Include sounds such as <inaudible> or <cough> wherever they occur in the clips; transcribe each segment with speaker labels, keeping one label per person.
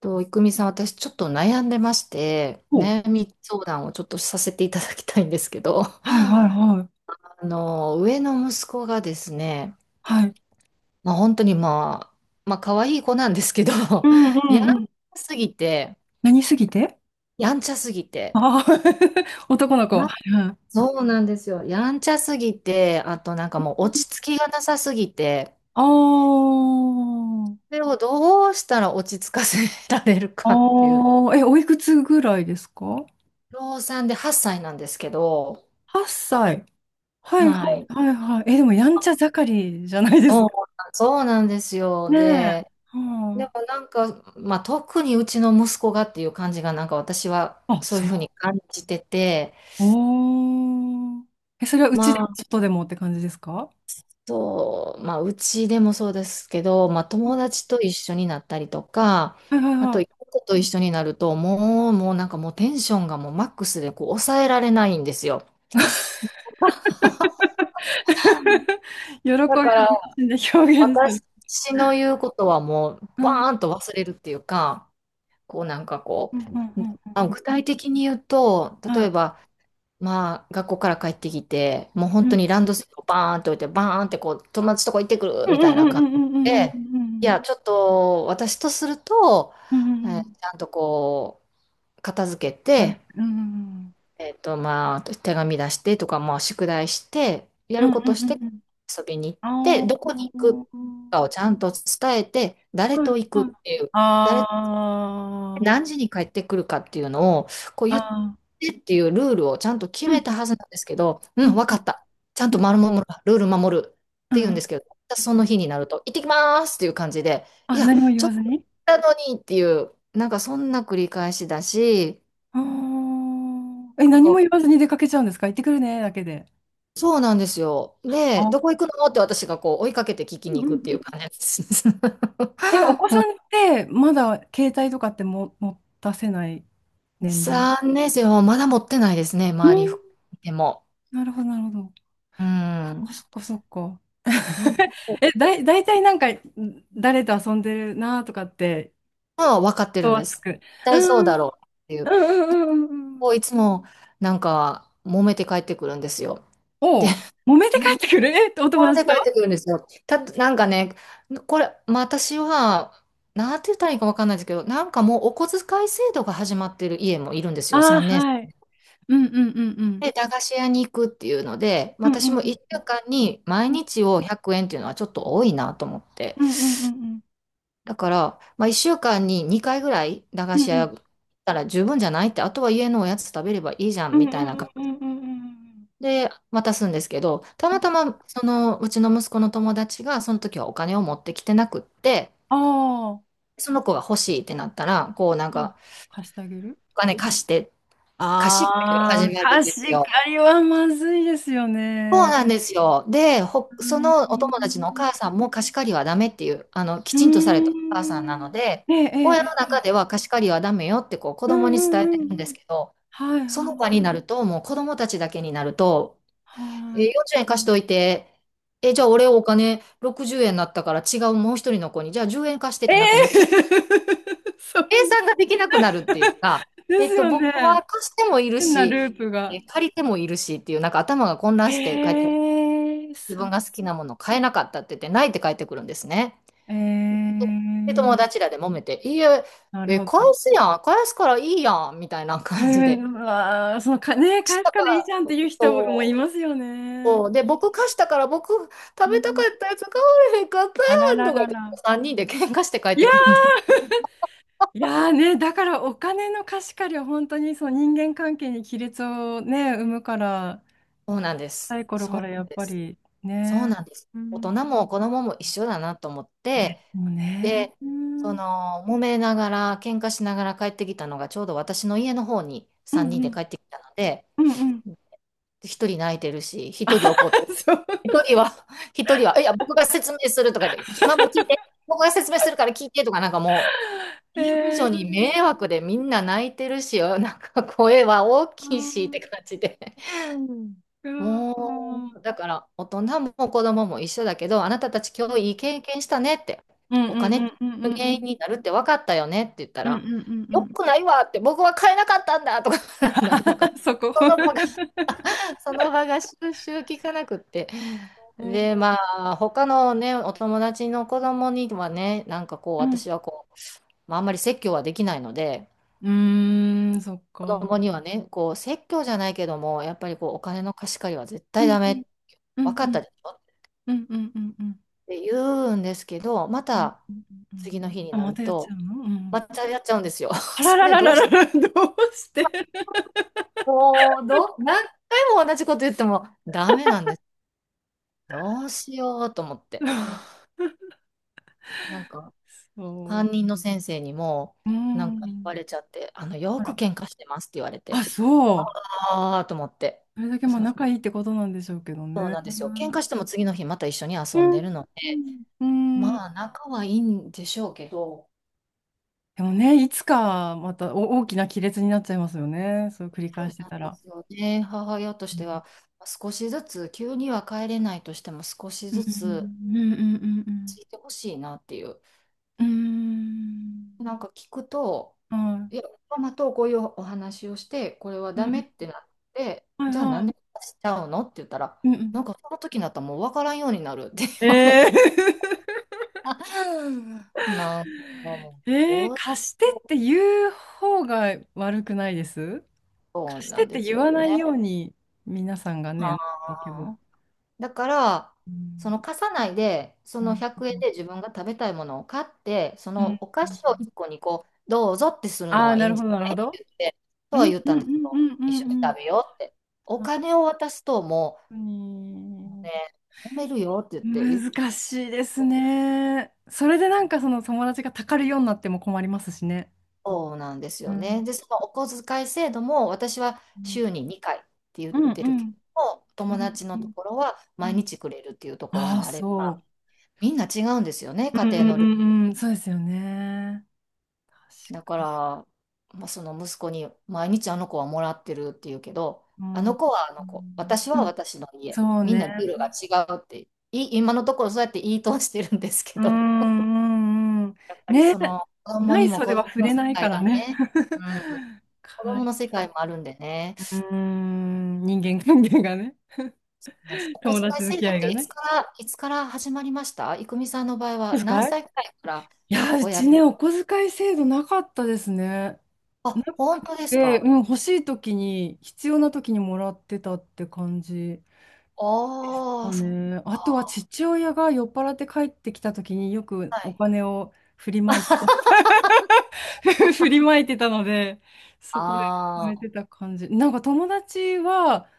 Speaker 1: と、いくみさん、私ちょっと悩んでまして、
Speaker 2: お
Speaker 1: 悩み相談をちょっとさせていただきたいんですけど、
Speaker 2: はい
Speaker 1: <laughs>
Speaker 2: はいはい。
Speaker 1: あの、上の息子がですね、
Speaker 2: はい。
Speaker 1: まあ、本当にまあ、まあ、可愛い子なんですけど、
Speaker 2: うんうん
Speaker 1: <laughs> やんち
Speaker 2: うん。
Speaker 1: ゃすぎて、
Speaker 2: 何すぎて？
Speaker 1: やんちゃすぎて、
Speaker 2: あ、 <laughs> あー、<laughs> 男の子。は
Speaker 1: や
Speaker 2: いはい。
Speaker 1: そうなんですよ。やんちゃすぎて、あとなんかもう落ち着きがなさすぎて、
Speaker 2: あー、
Speaker 1: それをどうしたら落ち着かせられる
Speaker 2: あ
Speaker 1: かっていう、
Speaker 2: ー、え、おいくつぐらいですか？
Speaker 1: 老産で8歳なんですけど、
Speaker 2: 8 歳。はいは
Speaker 1: はい。
Speaker 2: いはいはい。え、でもやんちゃ盛りじゃないです
Speaker 1: そう
Speaker 2: か？
Speaker 1: そうなんですよ。
Speaker 2: ねえ。
Speaker 1: で、で
Speaker 2: は
Speaker 1: もなんか、まあ、特にうちの息子がっていう感じが、なんか私は
Speaker 2: あ、あ、
Speaker 1: そうい
Speaker 2: そ
Speaker 1: うふうに
Speaker 2: う。
Speaker 1: 感じてて、
Speaker 2: おー。え、それはうち
Speaker 1: ま
Speaker 2: で
Speaker 1: あ、
Speaker 2: ちょっとでもって感じですか？
Speaker 1: そう、まあ、うちでもそうですけど、まあ、
Speaker 2: う
Speaker 1: 友
Speaker 2: ん、
Speaker 1: 達と一緒になったりとか、
Speaker 2: はいはい
Speaker 1: あ
Speaker 2: は
Speaker 1: と、
Speaker 2: い。
Speaker 1: と一緒になると、もう、なんかもうテンションがもうマックスでこう抑えられないんですよ。
Speaker 2: <laughs> 喜びを
Speaker 1: だ
Speaker 2: 全
Speaker 1: から、
Speaker 2: 身で表現する。
Speaker 1: 私の言うことはもう、バーンと忘れるっていうか、こうなんかこ
Speaker 2: うんうんう
Speaker 1: う、
Speaker 2: んうん
Speaker 1: 具体的に言うと、
Speaker 2: うん、
Speaker 1: 例
Speaker 2: は
Speaker 1: え
Speaker 2: い、
Speaker 1: ば、まあ、学校から帰ってきて、もう
Speaker 2: うん
Speaker 1: 本
Speaker 2: う
Speaker 1: 当に
Speaker 2: ん
Speaker 1: ランドセルをバーンって置いて、バーンってこう、友達とこ行ってくる
Speaker 2: う
Speaker 1: み
Speaker 2: んう
Speaker 1: たいな
Speaker 2: ん
Speaker 1: 感じ
Speaker 2: うんう
Speaker 1: で、い
Speaker 2: ん
Speaker 1: や、ちょっと私とすると、
Speaker 2: うんうんうん
Speaker 1: ちゃんとこう、片付けて、
Speaker 2: うん
Speaker 1: まあ、手紙出してとか、まあ、宿題して、や
Speaker 2: うん
Speaker 1: る
Speaker 2: うん
Speaker 1: こ
Speaker 2: う
Speaker 1: と
Speaker 2: ん
Speaker 1: し
Speaker 2: う
Speaker 1: て
Speaker 2: ん
Speaker 1: 遊びに行っ
Speaker 2: うんう
Speaker 1: て、
Speaker 2: んう
Speaker 1: どこに行
Speaker 2: ん、
Speaker 1: く
Speaker 2: あー、
Speaker 1: かをちゃんと伝えて、誰
Speaker 2: はい
Speaker 1: と行く
Speaker 2: は
Speaker 1: っ
Speaker 2: い、
Speaker 1: ていう、誰
Speaker 2: あー、
Speaker 1: 何時に帰ってくるかっていうのを、こう
Speaker 2: あ
Speaker 1: 言って
Speaker 2: ー、
Speaker 1: っていうルールをちゃんと決
Speaker 2: う
Speaker 1: め
Speaker 2: ん
Speaker 1: たはずなんですけど、う
Speaker 2: う
Speaker 1: ん、
Speaker 2: ん
Speaker 1: わ
Speaker 2: う
Speaker 1: か
Speaker 2: ん
Speaker 1: った、ちゃん
Speaker 2: う
Speaker 1: と
Speaker 2: ん
Speaker 1: 丸守る、ルール守るっ
Speaker 2: う
Speaker 1: て言うん
Speaker 2: ん
Speaker 1: ですけど、そ
Speaker 2: う
Speaker 1: の
Speaker 2: ん、
Speaker 1: 日になると、行ってきますっていう感じで、い
Speaker 2: あ、
Speaker 1: や、
Speaker 2: 何も言
Speaker 1: ちょっ
Speaker 2: わず
Speaker 1: と
Speaker 2: に？
Speaker 1: だのにっていう、なんかそんな繰り返しだし、
Speaker 2: あー、え、
Speaker 1: なん
Speaker 2: 何
Speaker 1: か
Speaker 2: も言
Speaker 1: こ
Speaker 2: わずに出かけちゃうんですか？行ってくるねだけで？
Speaker 1: う、そうなんですよ。で、ど
Speaker 2: あ、
Speaker 1: こ行くのって私がこう追いかけて聞き
Speaker 2: う
Speaker 1: に
Speaker 2: んうんう
Speaker 1: 行くっていう
Speaker 2: ん。
Speaker 1: 感じです。
Speaker 2: え、お子
Speaker 1: <laughs> も
Speaker 2: さ
Speaker 1: う
Speaker 2: んってまだ携帯とかっても持たせない年齢？
Speaker 1: 年生はまだ持ってないですね、
Speaker 2: う
Speaker 1: 周り
Speaker 2: ん、
Speaker 1: でも。
Speaker 2: なるほどなるほど、
Speaker 1: うん。
Speaker 2: そっかそっか。
Speaker 1: なんか
Speaker 2: <laughs> え、大体なんか、誰と遊んでるなとかって、
Speaker 1: は分かって
Speaker 2: 人
Speaker 1: るん
Speaker 2: は
Speaker 1: で
Speaker 2: つ
Speaker 1: す。絶
Speaker 2: く。う
Speaker 1: 対そう
Speaker 2: ん、う
Speaker 1: だ
Speaker 2: ん、
Speaker 1: ろうっていう。
Speaker 2: うん、うん。うんう
Speaker 1: こ
Speaker 2: ん。
Speaker 1: ういつもなんか揉めて帰ってくるんですよ。で、
Speaker 2: おう、揉
Speaker 1: <laughs>
Speaker 2: めて帰
Speaker 1: 揉め
Speaker 2: ってくる？え、<laughs> お友
Speaker 1: て
Speaker 2: 達と？
Speaker 1: 帰ってくるんですよ。なんかね、これ、まあ、私は、なんて言ったらいいか分かんないですけど、なんかもうお小遣い制度が始まってる家もいるんですよ、
Speaker 2: ああー、
Speaker 1: 3
Speaker 2: は
Speaker 1: 年
Speaker 2: い。
Speaker 1: 生。
Speaker 2: うん、うん、うん、うん。
Speaker 1: で、駄菓子屋に行くっていうので、
Speaker 2: うん
Speaker 1: 私も
Speaker 2: うん
Speaker 1: 1
Speaker 2: うん
Speaker 1: 週間に毎
Speaker 2: うん
Speaker 1: 日を100円っていうのはちょっと多いなと思って。
Speaker 2: うんうんうん
Speaker 1: だから、まあ、1週間に2回ぐらい駄
Speaker 2: う
Speaker 1: 菓
Speaker 2: んう
Speaker 1: 子屋
Speaker 2: ん
Speaker 1: 行ったら十分じゃないって、あとは家のおやつ食べればいいじゃ
Speaker 2: う
Speaker 1: ん
Speaker 2: ん
Speaker 1: み
Speaker 2: うんう
Speaker 1: たいな
Speaker 2: ん
Speaker 1: 感
Speaker 2: う
Speaker 1: じ
Speaker 2: んうんうん、
Speaker 1: で渡すんですけど、たまたまそのうちの息子の友達がその時はお金を持ってきてなくって、
Speaker 2: ああ、
Speaker 1: その子が欲しいってなったら、こうなん
Speaker 2: あ
Speaker 1: か
Speaker 2: 貸してあげる？
Speaker 1: お金貸して、貸し借が始
Speaker 2: ああー、
Speaker 1: まるん
Speaker 2: 貸
Speaker 1: です
Speaker 2: し
Speaker 1: よ。
Speaker 2: 借りはまずいですよ
Speaker 1: そう
Speaker 2: ね。
Speaker 1: なんですよ。で、
Speaker 2: う
Speaker 1: ほ、そ
Speaker 2: ー
Speaker 1: のお友達のお
Speaker 2: ん、
Speaker 1: 母さんも貸し借りはダメっていう、あの、き
Speaker 2: うー
Speaker 1: ちんとされたお母さんなの
Speaker 2: ん。
Speaker 1: で、
Speaker 2: ええ、え
Speaker 1: 親の
Speaker 2: え、え
Speaker 1: 中
Speaker 2: え、
Speaker 1: では貸し借りはダメよってこう子
Speaker 2: う
Speaker 1: 供
Speaker 2: んう
Speaker 1: に
Speaker 2: ん
Speaker 1: 伝
Speaker 2: う
Speaker 1: えてるん
Speaker 2: ん
Speaker 1: で
Speaker 2: う
Speaker 1: す
Speaker 2: ん。
Speaker 1: けど、
Speaker 2: はい
Speaker 1: その場
Speaker 2: はい
Speaker 1: になると、もう子供たちだけになると、
Speaker 2: は
Speaker 1: え、40円貸しといて、え、じゃあ俺お金60円になったから違うもう一人の子に、じゃあ10円貸してっ
Speaker 2: い。え
Speaker 1: て、なんかも
Speaker 2: え、
Speaker 1: うけ
Speaker 2: <laughs> そう
Speaker 1: 計算ができなくなるっていうか、
Speaker 2: で
Speaker 1: え
Speaker 2: す
Speaker 1: っと、
Speaker 2: よ
Speaker 1: 僕は
Speaker 2: ね。
Speaker 1: 貸してもいる
Speaker 2: 変な
Speaker 1: し、
Speaker 2: ループが。
Speaker 1: 借りてもいるしっていう、なんか頭が混乱して帰って
Speaker 2: ええ、
Speaker 1: 自
Speaker 2: そ
Speaker 1: 分
Speaker 2: う。
Speaker 1: が好きなもの買えなかったって言って、ないって帰ってくるんですね。
Speaker 2: え
Speaker 1: で、友
Speaker 2: え、
Speaker 1: 達らで揉めて、いいえ、
Speaker 2: なる
Speaker 1: え、
Speaker 2: ほ
Speaker 1: 返
Speaker 2: ど。
Speaker 1: すやん、返すからいいやん、みたいな
Speaker 2: そう
Speaker 1: 感じ
Speaker 2: い
Speaker 1: で。
Speaker 2: う、うわー、そのか、ね、
Speaker 1: 貸し
Speaker 2: 返す
Speaker 1: た
Speaker 2: か
Speaker 1: か
Speaker 2: らいい
Speaker 1: ら、
Speaker 2: じゃんっていう人もい
Speaker 1: そう、
Speaker 2: ますよね。
Speaker 1: そう。で、僕貸したから、僕食
Speaker 2: う
Speaker 1: べたか
Speaker 2: ん。
Speaker 1: ったやつ買われへんかった
Speaker 2: あら
Speaker 1: やん、
Speaker 2: ら
Speaker 1: とか言
Speaker 2: ら
Speaker 1: って、
Speaker 2: ら。
Speaker 1: 3人で喧嘩して帰っ
Speaker 2: い
Speaker 1: て
Speaker 2: や、
Speaker 1: くるんです。
Speaker 2: いやーね、だからお金の貸し借りは本当にそう人間関係に亀裂をね、生むから。
Speaker 1: そうなんです。
Speaker 2: 若い頃
Speaker 1: そう
Speaker 2: か
Speaker 1: な
Speaker 2: らや
Speaker 1: ん
Speaker 2: っ
Speaker 1: で
Speaker 2: ぱ
Speaker 1: す。
Speaker 2: り
Speaker 1: そう
Speaker 2: ね、
Speaker 1: なんです。
Speaker 2: う
Speaker 1: 大人
Speaker 2: ん、
Speaker 1: も子供も一緒だなと思っ
Speaker 2: で
Speaker 1: て、
Speaker 2: もね、
Speaker 1: で、
Speaker 2: うん、
Speaker 1: そ
Speaker 2: うん、
Speaker 1: の、揉めながら、喧嘩しながら帰ってきたのが、ちょうど私の家の方に
Speaker 2: う
Speaker 1: 3
Speaker 2: ん、
Speaker 1: 人で帰ってきたので、
Speaker 2: うん、うん、
Speaker 1: 一人泣いてるし、一人怒って、
Speaker 2: <laughs> そう、
Speaker 1: 一人は、<laughs> 一人は、いや、僕が説明するとかできママ聞いて、僕が説明するから聞いてとか、なんかもう、近所
Speaker 2: え
Speaker 1: に迷
Speaker 2: ー、
Speaker 1: 惑でみんな泣いてるし、<laughs> なんか声は大
Speaker 2: う
Speaker 1: きいしっ
Speaker 2: ん
Speaker 1: て感じで。うん。
Speaker 2: うん
Speaker 1: も
Speaker 2: うん
Speaker 1: う、だから大人も子供も一緒だけど、あなたたち今
Speaker 2: うん
Speaker 1: 日いい経験したねって、
Speaker 2: うん
Speaker 1: お金って原
Speaker 2: う
Speaker 1: 因
Speaker 2: ん
Speaker 1: になるって分かったよねって言った
Speaker 2: うんう
Speaker 1: ら、
Speaker 2: んうんう
Speaker 1: よく
Speaker 2: ん、
Speaker 1: ないわって、僕は買えなかったんだとか、<laughs>
Speaker 2: <laughs> うん、
Speaker 1: なんか、
Speaker 2: そこ、
Speaker 1: その場がその場が収集効かなくって。
Speaker 2: うん
Speaker 1: で、まあ、他のね、お友達の子供にはね、なんかこう、
Speaker 2: うん、
Speaker 1: 私はこう、まあ、あんまり説教はできないので、
Speaker 2: うーん、そっ
Speaker 1: 子
Speaker 2: か、
Speaker 1: 供にはね、こう、説教じゃないけども、やっぱりこう、お金の貸し借りは絶
Speaker 2: う
Speaker 1: 対
Speaker 2: ん
Speaker 1: ダ
Speaker 2: うん
Speaker 1: メ、
Speaker 2: うん
Speaker 1: 分
Speaker 2: う
Speaker 1: かっ
Speaker 2: ん
Speaker 1: たでしょっ
Speaker 2: うんうんうんうんうん
Speaker 1: て言うんですけど、ま
Speaker 2: うん、
Speaker 1: た
Speaker 2: うん
Speaker 1: 次の日に
Speaker 2: あ、
Speaker 1: な
Speaker 2: ま
Speaker 1: る
Speaker 2: たやっちゃう
Speaker 1: と、
Speaker 2: の？うん、
Speaker 1: またやっちゃうんですよ。
Speaker 2: あ
Speaker 1: <laughs>
Speaker 2: ら
Speaker 1: そ
Speaker 2: ら
Speaker 1: れ
Speaker 2: ら
Speaker 1: ど
Speaker 2: ら
Speaker 1: う
Speaker 2: ら
Speaker 1: し、
Speaker 2: ら、どうして？
Speaker 1: もう、ど何回も同じこと言ってもダメなんです。どうしようと思って。
Speaker 2: <laughs>
Speaker 1: なんか、担
Speaker 2: そ
Speaker 1: 任の先生にも、
Speaker 2: う、う
Speaker 1: なんか言わ
Speaker 2: ん、
Speaker 1: れちゃって、あの、よ
Speaker 2: あ
Speaker 1: く
Speaker 2: ら、
Speaker 1: 喧嘩してますって言われて、
Speaker 2: あ、そう。
Speaker 1: ああ、と思って。
Speaker 2: それだけまあ
Speaker 1: そう
Speaker 2: 仲いいってことなんでしょうけど
Speaker 1: そう
Speaker 2: ね。
Speaker 1: なんですよ。喧嘩しても次の日また一緒に
Speaker 2: う
Speaker 1: 遊んで
Speaker 2: ん
Speaker 1: るので、
Speaker 2: うん。うん、
Speaker 1: まあ、仲はいいんでしょうけど、
Speaker 2: でもね、いつかまたお大きな亀裂になっちゃいますよね。そう繰り
Speaker 1: そ
Speaker 2: 返
Speaker 1: う
Speaker 2: して
Speaker 1: なん
Speaker 2: た
Speaker 1: で
Speaker 2: ら。
Speaker 1: すよね。母親とし
Speaker 2: う
Speaker 1: て
Speaker 2: ん
Speaker 1: は、少しずつ、急には帰れないとしても、少し
Speaker 2: うん
Speaker 1: ず
Speaker 2: う
Speaker 1: つ
Speaker 2: んう
Speaker 1: つ
Speaker 2: ん
Speaker 1: いてほしいなっていう。
Speaker 2: うんうん
Speaker 1: なんか聞くと、
Speaker 2: うん、はい。
Speaker 1: いや、ママとこういうお話をして、これは
Speaker 2: う
Speaker 1: ダ
Speaker 2: ん
Speaker 1: メっ
Speaker 2: うん、
Speaker 1: てなって、
Speaker 2: はい
Speaker 1: じゃあな
Speaker 2: は
Speaker 1: んで
Speaker 2: い、
Speaker 1: しちゃうのって言ったら、
Speaker 2: うんうん、
Speaker 1: なんかその時になったらもう分からんようになるって <laughs> 言われ
Speaker 2: ええ、
Speaker 1: て、<laughs> なんか
Speaker 2: <laughs>
Speaker 1: も
Speaker 2: えー、
Speaker 1: う、
Speaker 2: 貸してって言う方が悪くないです？
Speaker 1: そう
Speaker 2: 貸し
Speaker 1: な
Speaker 2: てっ
Speaker 1: んで
Speaker 2: て
Speaker 1: す
Speaker 2: 言
Speaker 1: よ
Speaker 2: わな
Speaker 1: ね。
Speaker 2: いように皆さんが
Speaker 1: あ
Speaker 2: ね、結局は。
Speaker 1: ー、だから、
Speaker 2: う
Speaker 1: そ
Speaker 2: ん
Speaker 1: の貸さないで、そ
Speaker 2: う
Speaker 1: の
Speaker 2: ん
Speaker 1: 100円で自分が食べたいものを買って、そ
Speaker 2: うん。
Speaker 1: のお菓子を1個にこう、どうぞってする
Speaker 2: あ
Speaker 1: の
Speaker 2: あ、
Speaker 1: はい
Speaker 2: な
Speaker 1: い
Speaker 2: る
Speaker 1: ん
Speaker 2: ほ
Speaker 1: じ
Speaker 2: ど、なる
Speaker 1: ゃ
Speaker 2: ほ
Speaker 1: ないっ
Speaker 2: ど。
Speaker 1: て言って、と
Speaker 2: う
Speaker 1: は
Speaker 2: ん
Speaker 1: 言っ
Speaker 2: うん
Speaker 1: たんです
Speaker 2: うんう
Speaker 1: よ。
Speaker 2: んう
Speaker 1: 一緒に
Speaker 2: んうん。
Speaker 1: 食べようって。お
Speaker 2: 本
Speaker 1: 金を渡すともう
Speaker 2: 当に。
Speaker 1: ね、揉めるよって言って
Speaker 2: 難しいですね。それでなんかその友達がたかるようになっても困りますしね。
Speaker 1: そうなんです
Speaker 2: う
Speaker 1: よ
Speaker 2: ん。
Speaker 1: ね。で、そのお小遣い制度も私は
Speaker 2: うん
Speaker 1: 週に2回って言っ
Speaker 2: うんう
Speaker 1: てるけ
Speaker 2: ん
Speaker 1: ども、
Speaker 2: う
Speaker 1: 友
Speaker 2: ん
Speaker 1: 達
Speaker 2: う
Speaker 1: のと
Speaker 2: ん
Speaker 1: ころは
Speaker 2: う
Speaker 1: 毎
Speaker 2: ん、
Speaker 1: 日くれるっていうところ
Speaker 2: ああ、
Speaker 1: もあれば、
Speaker 2: そ
Speaker 1: みんな違うんですよね、
Speaker 2: う。
Speaker 1: 家
Speaker 2: うん
Speaker 1: 庭
Speaker 2: う
Speaker 1: の
Speaker 2: ん
Speaker 1: ルー
Speaker 2: う
Speaker 1: ル。
Speaker 2: んうん。そうですよね。
Speaker 1: だ
Speaker 2: 確
Speaker 1: か
Speaker 2: か
Speaker 1: ら、
Speaker 2: に。
Speaker 1: まあ、その息子に毎日あの子はもらってるっていうけど、
Speaker 2: う
Speaker 1: あ
Speaker 2: ん。
Speaker 1: の
Speaker 2: う
Speaker 1: 子はあの子、
Speaker 2: ん
Speaker 1: 私
Speaker 2: う
Speaker 1: は
Speaker 2: ん、
Speaker 1: 私の家、
Speaker 2: そう
Speaker 1: みん
Speaker 2: ね。
Speaker 1: なルールが違うって、今のところそうやって言い通してるんですけ
Speaker 2: う
Speaker 1: ど、
Speaker 2: んうんうん。
Speaker 1: やっぱり
Speaker 2: ね、
Speaker 1: その子供
Speaker 2: ない
Speaker 1: にも
Speaker 2: 袖
Speaker 1: 子
Speaker 2: は
Speaker 1: 供
Speaker 2: 触
Speaker 1: の
Speaker 2: れ
Speaker 1: 世
Speaker 2: ないか
Speaker 1: 界
Speaker 2: ら
Speaker 1: が
Speaker 2: ね。
Speaker 1: ね、う
Speaker 2: <laughs>
Speaker 1: ん、
Speaker 2: か
Speaker 1: 子供の世界もあるんでね。
Speaker 2: うーん、人間関係 <laughs> がね。
Speaker 1: なんですお小
Speaker 2: 友
Speaker 1: 遣
Speaker 2: 達
Speaker 1: い
Speaker 2: 付
Speaker 1: 制
Speaker 2: き
Speaker 1: 度
Speaker 2: 合
Speaker 1: っ
Speaker 2: い
Speaker 1: て
Speaker 2: が
Speaker 1: いつ
Speaker 2: ね。
Speaker 1: から、いつから始まりました郁美さんの場合
Speaker 2: お
Speaker 1: は
Speaker 2: 小
Speaker 1: 何
Speaker 2: 遣い、
Speaker 1: 歳くらいから
Speaker 2: いや、うち
Speaker 1: 親、
Speaker 2: ね、お小遣い制度なかったですね。
Speaker 1: あ、
Speaker 2: な
Speaker 1: 本
Speaker 2: く
Speaker 1: 当です
Speaker 2: て、
Speaker 1: か？
Speaker 2: うん、欲しい時に、必要な時にもらってたって感じ
Speaker 1: あ
Speaker 2: が
Speaker 1: あ、そっ
Speaker 2: ね。あとは
Speaker 1: か。
Speaker 2: 父親が酔っ払って帰ってきた時によく
Speaker 1: は
Speaker 2: お
Speaker 1: い。
Speaker 2: 金を振りまいてた、
Speaker 1: <laughs>
Speaker 2: <laughs> 振りまいてたので、そこで貯め
Speaker 1: あ
Speaker 2: てた感じ。なんか友達は、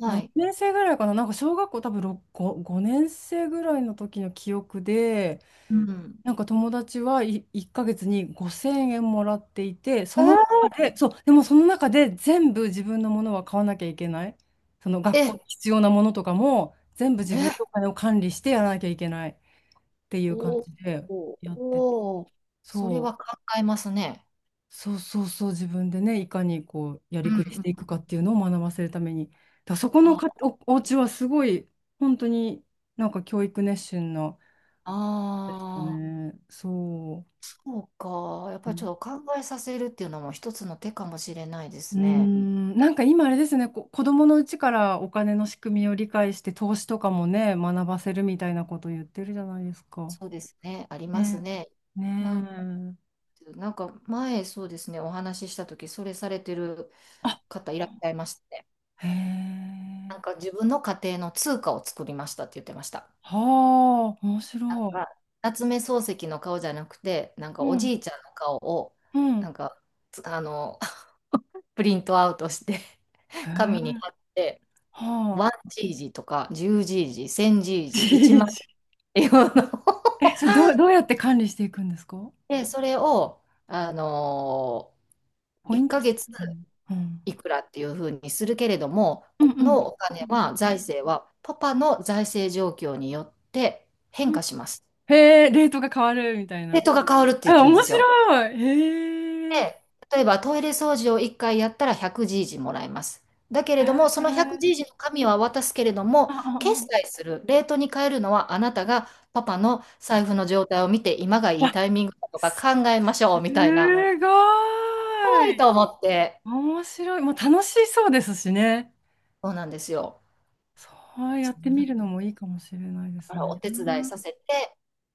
Speaker 1: あ、は
Speaker 2: 何
Speaker 1: い。
Speaker 2: 年生ぐらいかな、なんか小学校多分6、5、5年生ぐらいの時の記憶で、
Speaker 1: うん。
Speaker 2: なんか友達はい1ヶ月に5000円もらっていて、そ
Speaker 1: え
Speaker 2: の中
Speaker 1: ー、
Speaker 2: で、そう、でもその中で全部自分のものは買わなきゃいけない。その学校
Speaker 1: え、
Speaker 2: に必要なものとかも全部自分でお
Speaker 1: え、
Speaker 2: 金を管理してやらなきゃいけないっていう感
Speaker 1: おお
Speaker 2: じでやってて、
Speaker 1: おお、それ
Speaker 2: そ
Speaker 1: は
Speaker 2: う。
Speaker 1: 考えますね。
Speaker 2: そうそうそう、自分でね、いかにこう、や
Speaker 1: う
Speaker 2: り
Speaker 1: んう
Speaker 2: くりしてい
Speaker 1: ん。
Speaker 2: くかっていうのを学ばせるために。だからそこの
Speaker 1: あ
Speaker 2: お家はすごい、本当になんか教育熱心な、でした
Speaker 1: あ
Speaker 2: ね。そ
Speaker 1: ー、そうか。やっ
Speaker 2: う。う
Speaker 1: ぱりちょ
Speaker 2: ん
Speaker 1: っと考えさせるっていうのも一つの手かもしれないで
Speaker 2: ー
Speaker 1: すね。
Speaker 2: ん、なんか今あれですね、子供のうちからお金の仕組みを理解して、投資とかもね、学ばせるみたいなこと言ってるじゃないですか。
Speaker 1: そうですね、あります
Speaker 2: ね
Speaker 1: ね。
Speaker 2: え。
Speaker 1: なんか、
Speaker 2: ねえ。
Speaker 1: なんか前、そうですね、お話ししたとき、それされてる
Speaker 2: あ、
Speaker 1: 方いらっしゃいましたね。
Speaker 2: へえ。
Speaker 1: なんか自分の家庭の通貨を作りましたって言ってました。
Speaker 2: はあ、面
Speaker 1: なん
Speaker 2: 白い。
Speaker 1: か、夏目漱石の顔じゃなくて、なんか
Speaker 2: う
Speaker 1: お
Speaker 2: ん、
Speaker 1: じいちゃんの顔を、
Speaker 2: うん。
Speaker 1: なんか、あの、<laughs> プリントアウトして、
Speaker 2: へ
Speaker 1: <laughs> 紙に
Speaker 2: え。
Speaker 1: 貼って、
Speaker 2: はあ。
Speaker 1: 1GG とか 10GG、1000GG、1万っ
Speaker 2: <laughs>
Speaker 1: ていうのを <laughs>
Speaker 2: え、それどうやって管理していくんですか？
Speaker 1: で、それを、あの
Speaker 2: ポイ
Speaker 1: 1
Speaker 2: ント
Speaker 1: ヶ
Speaker 2: 制
Speaker 1: 月
Speaker 2: みたいな。うん。
Speaker 1: いくらっていうふうにするけれども、
Speaker 2: うん
Speaker 1: こ
Speaker 2: う
Speaker 1: の
Speaker 2: ん。
Speaker 1: お金は、財政は、パパの財政状況によって変
Speaker 2: うん、
Speaker 1: 化します。
Speaker 2: へえ、レートが変わるみたい
Speaker 1: レー
Speaker 2: な。
Speaker 1: トが変わるって言っ
Speaker 2: あ、
Speaker 1: てるん
Speaker 2: 面
Speaker 1: ですよ。
Speaker 2: 白い。へえ。へー、
Speaker 1: で、例えばトイレ掃除を1回やったら 100G もらえます。だけれども、その 100G の紙は渡すけれども、決
Speaker 2: あ
Speaker 1: 済
Speaker 2: あ、
Speaker 1: する、レートに変えるのはあなたがパパの財布の状態を見て、今が
Speaker 2: あ
Speaker 1: いい
Speaker 2: わ、
Speaker 1: タイミングだとか
Speaker 2: す
Speaker 1: 考えましょうみたいな、
Speaker 2: ご
Speaker 1: はいと
Speaker 2: い。
Speaker 1: 思って、
Speaker 2: 面白い。まあ、楽しそうですしね。
Speaker 1: そうなんですよ。
Speaker 2: そうや
Speaker 1: そ
Speaker 2: って
Speaker 1: ん
Speaker 2: み
Speaker 1: な
Speaker 2: るのもいいかもしれないで
Speaker 1: か
Speaker 2: す
Speaker 1: らお
Speaker 2: ね。
Speaker 1: 手伝いさせて、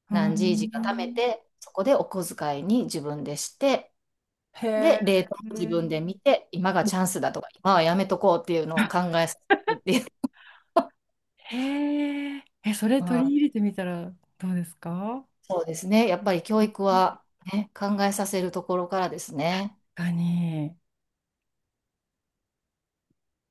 Speaker 2: う
Speaker 1: 何十時か貯め
Speaker 2: ん。
Speaker 1: て、そこでお小遣いに自分でして、
Speaker 2: へ
Speaker 1: で、
Speaker 2: え。
Speaker 1: レートも自分で見て、今がチャンスだとか、今はやめとこうっていうのを考えさせるっていう、
Speaker 2: へえ、え、それ
Speaker 1: <laughs> う
Speaker 2: 取り
Speaker 1: ん、
Speaker 2: 入れてみたらどうですか？
Speaker 1: そうですね。やっぱり教育
Speaker 2: 確
Speaker 1: は、ね、考えさせるところからですね。
Speaker 2: かに。